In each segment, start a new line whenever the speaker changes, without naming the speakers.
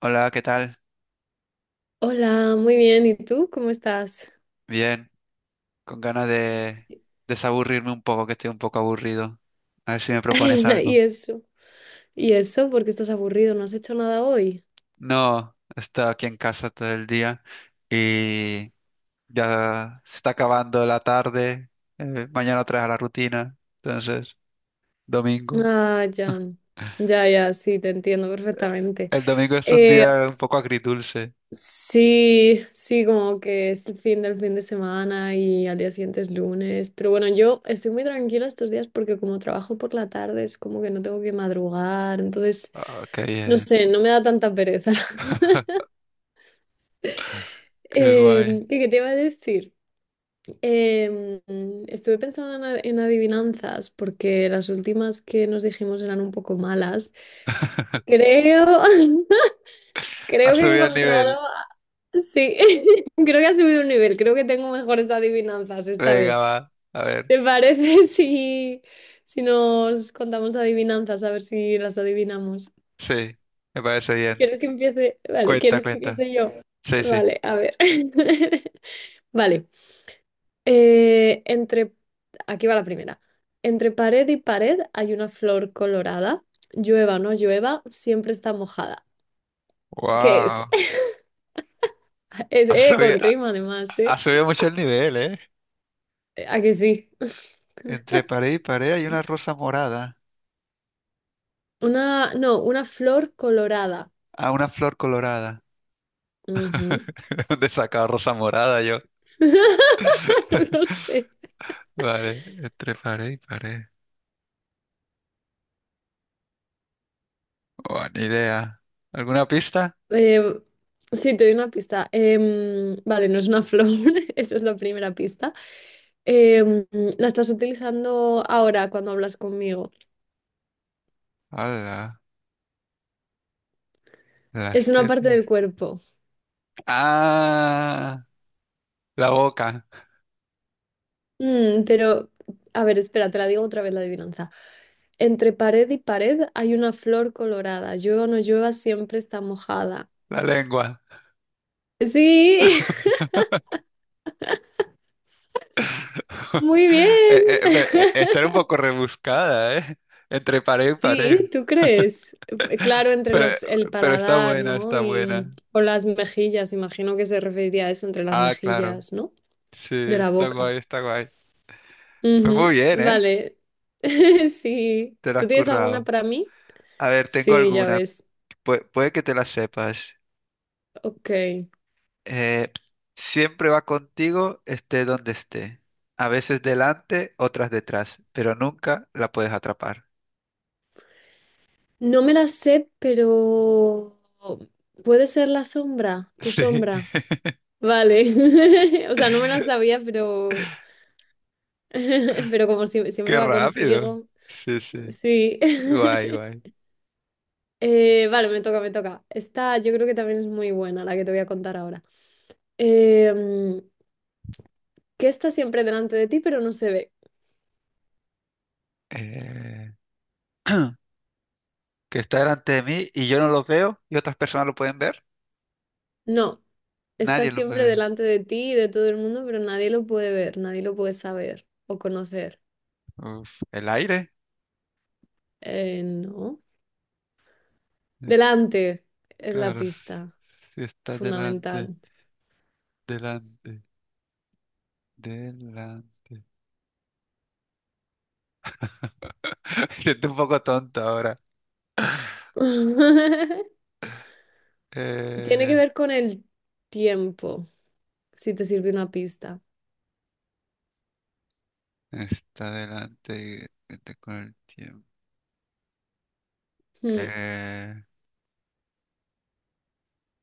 Hola, ¿qué tal?
Hola, muy bien. ¿Y tú? ¿Cómo estás?
Bien, con ganas de desaburrirme un poco, que estoy un poco aburrido. A ver si me propones
Y
algo.
eso, y eso, porque estás aburrido, no has hecho nada hoy.
No, he estado aquí en casa todo el día y ya se está acabando la tarde. Mañana otra vez a la rutina. Entonces, domingo.
Ah, ya, ya, ya, sí, te entiendo perfectamente.
El domingo es un
Eh,
día un poco agridulce.
sí, sí, como que es el fin del fin de semana y al día siguiente es lunes. Pero bueno, yo estoy muy tranquila estos días porque como trabajo por la tarde es como que no tengo que madrugar, entonces,
Ah, qué
no
bien.
sé, no me da tanta pereza.
Qué guay.
¿Qué te iba a decir? Em, Estuve pensando en adivinanzas porque las últimas que nos dijimos eran un poco malas. Creo,
Ha
creo que he
subido el nivel.
encontrado, sí, creo que ha subido un nivel, creo que tengo mejores adivinanzas esta
Venga,
vez.
va. A ver.
¿Te parece si nos contamos adivinanzas, a ver si las adivinamos?
Sí, me parece bien.
¿Quieres que empiece? Vale,
Cuenta,
¿quieres que
cuenta.
empiece yo?
Sí, sí.
Vale, a ver. Vale. Eh, entre, Aquí va la primera. Entre pared y pared hay una flor colorada. Llueva o no llueva, siempre está mojada. ¿Qué es?
Wow.
Es
Ha subido,
con rima además,
ha
¿eh?
subido mucho el nivel, ¿eh?
¿A que sí?
Entre pared y pared hay una rosa morada.
Una, no, una flor colorada.
Ah, una flor colorada.
Ujú.
¿De dónde sacaba rosa morada yo?
No lo sé.
Vale, entre pared y pared. Buena ni idea. ¿Alguna pista?
Eh, sí, te doy una pista. Vale, no es una flor, esa es la primera pista. Em, la estás utilizando ahora cuando hablas conmigo.
Hola, las
Es una parte del
tetas.
cuerpo.
Ah, la boca,
Mm, pero, a ver, espera, te la digo otra vez la adivinanza. Entre pared y pared hay una flor colorada. Llueva o no llueva, siempre está mojada.
la lengua.
Sí, muy bien.
Está un poco rebuscada, ¿eh? Entre pared y pared.
Sí, ¿tú crees? Claro,
Pero,
el
pero está
paladar,
buena,
¿no?
está
Y
buena.
o las mejillas, imagino que se referiría a eso, entre las
Ah, claro.
mejillas, ¿no?
Sí,
De la
está
boca.
guay, está guay. Fue muy
Ujú,
bien, ¿eh?
vale. Sí.
Te lo
¿Tú
has
tienes alguna
currado.
para mí?
A ver, tengo
Sí, ya
alguna.
ves.
Puede que te la sepas.
Ok.
Eh, Siempre va contigo, esté donde esté. A veces delante, otras detrás, pero nunca la puedes atrapar.
No me las sé, pero puede ser la sombra, tu
Sí.
sombra. Vale. O sea, no me las sabía, pero pero como siempre
Qué
va
rápido.
contigo.
Sí, sí.
Sí.
Guay, guay.
Vale, me toca, me toca. Esta yo creo que también es muy buena, la que te voy a contar ahora. Em, ¿Qué está siempre delante de ti, pero no se ve?
Eh, que está delante de mí y yo no lo veo y otras personas lo pueden ver.
No, está
Nadie lo puede
siempre
ver.
delante de ti y de todo el mundo, pero nadie lo puede ver, nadie lo puede saber o conocer.
Uf, el aire.
No.
Es-
Delante es la
claro,
pista
si está delante,
fundamental.
delante. Delante. Estoy un poco tonta ahora.
Tiene que
Eh,
ver con el tiempo, si te sirve una pista.
Está delante y vete con el tiempo.
Hmm,
Eh,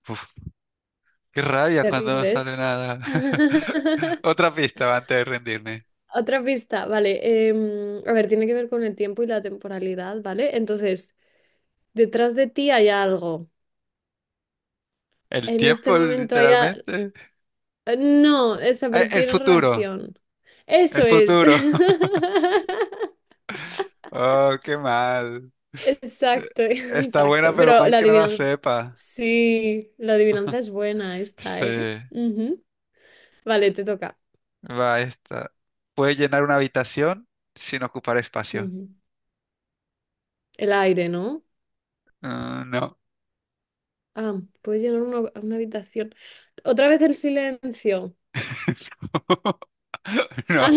uf, Qué rabia
¿te
cuando no sale
rindes?
nada. Otra pista antes de rendirme.
Otra pista, vale. A ver, tiene que ver con el tiempo y la temporalidad, ¿vale? Entonces, detrás de ti hay algo.
El
En este
tiempo,
momento
literalmente.
no, esa, pero
El
tiene
futuro.
relación.
El
Eso es.
futuro. Oh, qué mal. Eh,
Exacto,
Está buena,
exacto.
pero
Pero
mal
la
que no la
adivinanza.
sepa.
Sí, la adivinanza es buena esta,
Sí,
¿eh? Ujú. Vale, te toca.
va esta. Puede llenar una habitación sin ocupar espacio.
Ujú. El aire, ¿no?
Ah, no.
Ah, puedes llenar una habitación. Otra vez el silencio.
No.
Ah,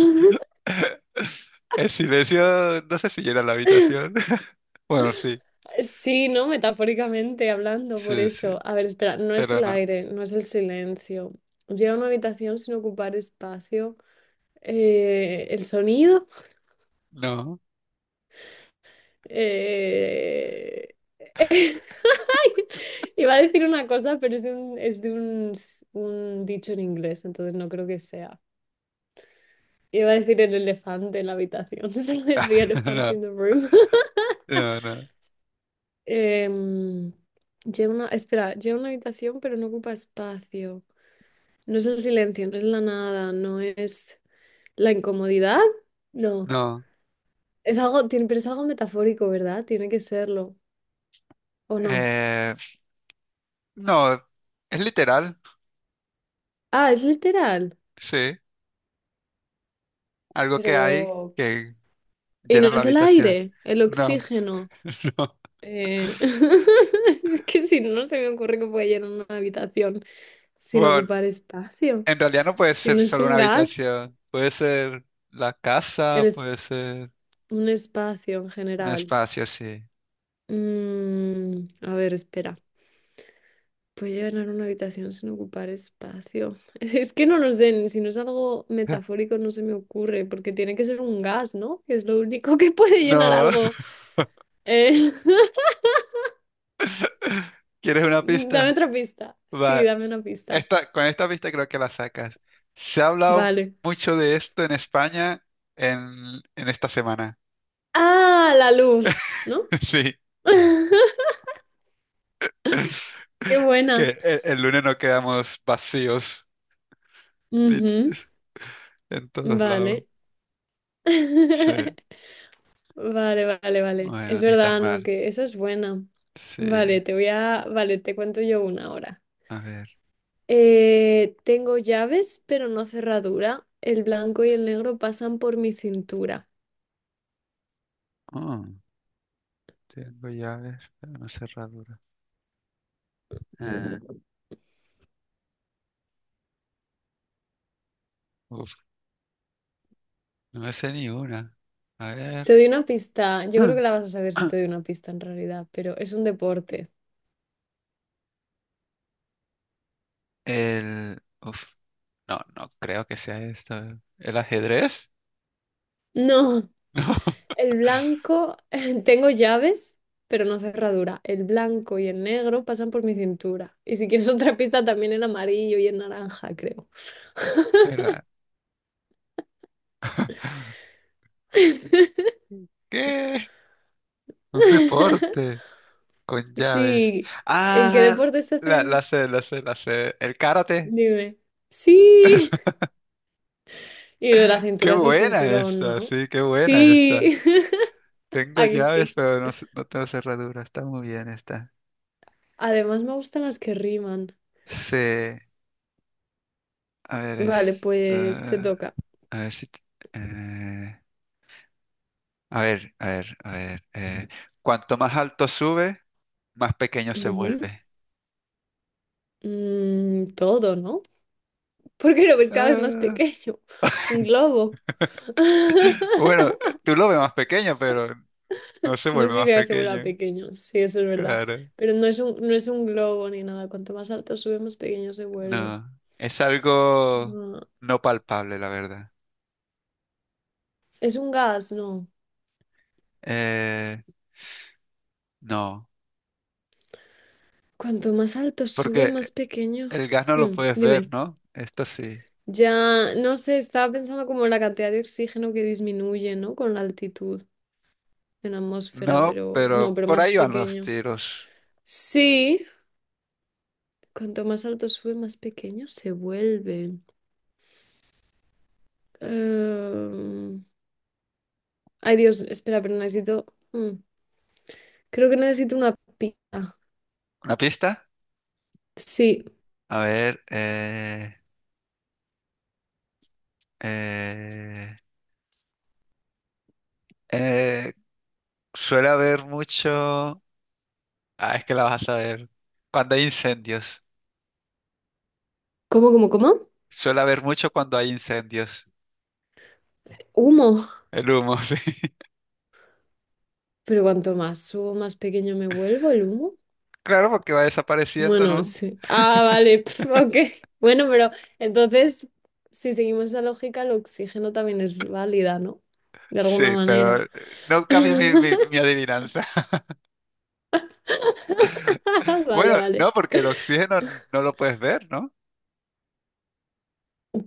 El silencio, no sé si llena la habitación. Bueno, sí.
sí, ¿no? Metafóricamente hablando, por
Sí, sí.
eso. A ver, espera, no es
Pero
el
no.
aire, no es el silencio. Llena una habitación sin ocupar espacio. ¿El sonido?
No.
Eh, iba a decir una cosa, pero es un dicho en inglés, entonces no creo que sea. Iba a decir el elefante en la habitación, ¿sabes? The elephant
No.
in the room.
No, no.
Em, Lleva una, espera, lleva una habitación, pero no ocupa espacio. No es el silencio, no es la nada, no es la incomodidad. No.
No.
Es algo, tiene, pero es algo metafórico, ¿verdad? Tiene que serlo, ¿o no?
Eh, no. Es literal.
Ah, es literal.
Sí. Algo que hay
Pero,
que
y no
llena la
es el
habitación.
aire, el
No.
oxígeno.
No.
Eh, es que si no, no se me ocurre que pueda llenar una habitación sin
Bueno,
ocupar espacio.
en realidad no puede
Si
ser
no es
solo una
un gas,
habitación. Puede ser la
el
casa,
es
puede ser
un espacio en
un
general.
espacio, sí.
Mm, a ver, espera. ¿Puedo llenar una habitación sin ocupar espacio? Es que no lo sé, ni si no es algo metafórico no se me ocurre, porque tiene que ser un gas, ¿no? Que es lo único que puede llenar
No.
algo. Eh,
¿Quieres una
dame
pista?
otra pista. Sí,
Va.
dame una pista.
Esta, con esta pista creo que la sacas. Se ha hablado
Vale.
mucho de esto en España en esta semana.
Ah, la luz, ¿no?
Sí,
Qué buena.
que el lunes no quedamos vacíos lit-
Ujú,
en todos lados.
vale.
Sí,
Vale, vale, vale. Es
bueno, ni tan
verdad, ¿no?
mal.
Que esa es buena.
Sí,
Vale, te voy vale, te cuento yo una ahora.
a ver.
Tengo llaves, pero no cerradura. El blanco y el negro pasan por mi cintura.
Oh, tengo llaves, pero no cerradura. Eh, uf, no me sé ni una. A
Te
ver.
doy una pista. Yo creo que la vas a saber si te doy una pista en realidad, pero es un deporte.
El... No, no creo que sea esto. ¿El ajedrez?
No.
No.
El blanco, tengo llaves, pero no cerradura. El blanco y el negro pasan por mi cintura. Y si quieres otra pista, también el amarillo y el naranja, creo.
El, ¿Qué? Un deporte con llaves.
Sí, ¿en qué
Ah,
deportes se hacen?
la sé. El karate.
Dime. Sí. Y lo de la
Qué
cintura es el
buena
cinturón,
esta,
¿no?
sí, qué buena esta.
Sí.
Tengo
Ahí
llaves,
sí.
pero no, no tengo cerradura. Está muy bien esta.
Además me gustan las que riman.
Sí. A ver,
Vale, pues te
esta.
toca.
A ver si. t- eh, a ver, a ver, a ver. Cuanto más alto sube, más pequeño se
Ujú.
vuelve.
Mm, todo, ¿no? Porque lo ves cada vez más
Ah,
pequeño. Un globo.
bueno, tú lo ves más pequeño, pero no se
No
vuelve más
significa que se vuelva
pequeño.
pequeño, sí, eso es verdad.
Claro.
Pero no es un, no es un globo ni nada. Cuanto más alto sube, más pequeño se vuelve.
No, es algo
No.
no palpable, la verdad.
Es un gas, no.
Eh, no,
Cuanto más alto sube, más
porque
pequeño.
el gas no lo
Hmm,
puedes ver,
dime.
¿no? Esto sí.
Ya, no sé, estaba pensando como en la cantidad de oxígeno que disminuye, ¿no? Con la altitud en la atmósfera,
No,
pero no,
pero
pero
por
más
ahí van los
pequeño.
tiros.
Sí, cuanto más alto sube, más pequeño se vuelve. Em, Ay, Dios, espera, pero necesito. mm, Creo que necesito una pista.
¿Una pista?
Sí.
A ver, eh, eh, suele haber mucho... Ah, es que la vas a ver. Cuando hay incendios.
¿Cómo, cómo, cómo?
Suele haber mucho cuando hay incendios.
Humo.
El humo, sí.
Pero cuanto más humo, más pequeño me vuelvo el humo.
Claro, porque va desapareciendo,
Bueno,
¿no?
sí. Ah, vale. pf, ok. Bueno, pero entonces, si seguimos esa lógica, el oxígeno también es válida, ¿no? De alguna
Sí, pero
manera.
eh, no cambio mi adivinanza.
Vale,
Bueno,
vale.
no, porque el oxígeno no lo puedes ver, ¿no?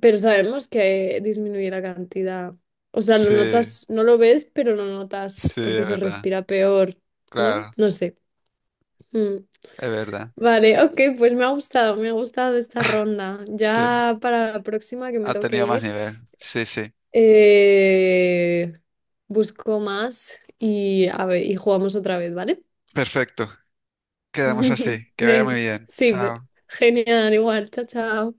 Pero sabemos que disminuye la cantidad. O sea, lo
Sí,
notas, no lo ves, pero lo notas
sí,
porque
es
se
verdad.
respira peor, ¿no?
Claro,
No sé. Mm.
es verdad.
Vale, ok, pues me ha gustado esta ronda.
Sí,
Ya para la próxima que me
ha
toque
tenido más
ir,
nivel. Sí, sí.
eh, busco más y, a ver, y jugamos otra vez, ¿vale?
Perfecto. Quedamos así. Que vaya muy
Ven,
bien.
sí,
Chao.
genial, igual, chao, chao.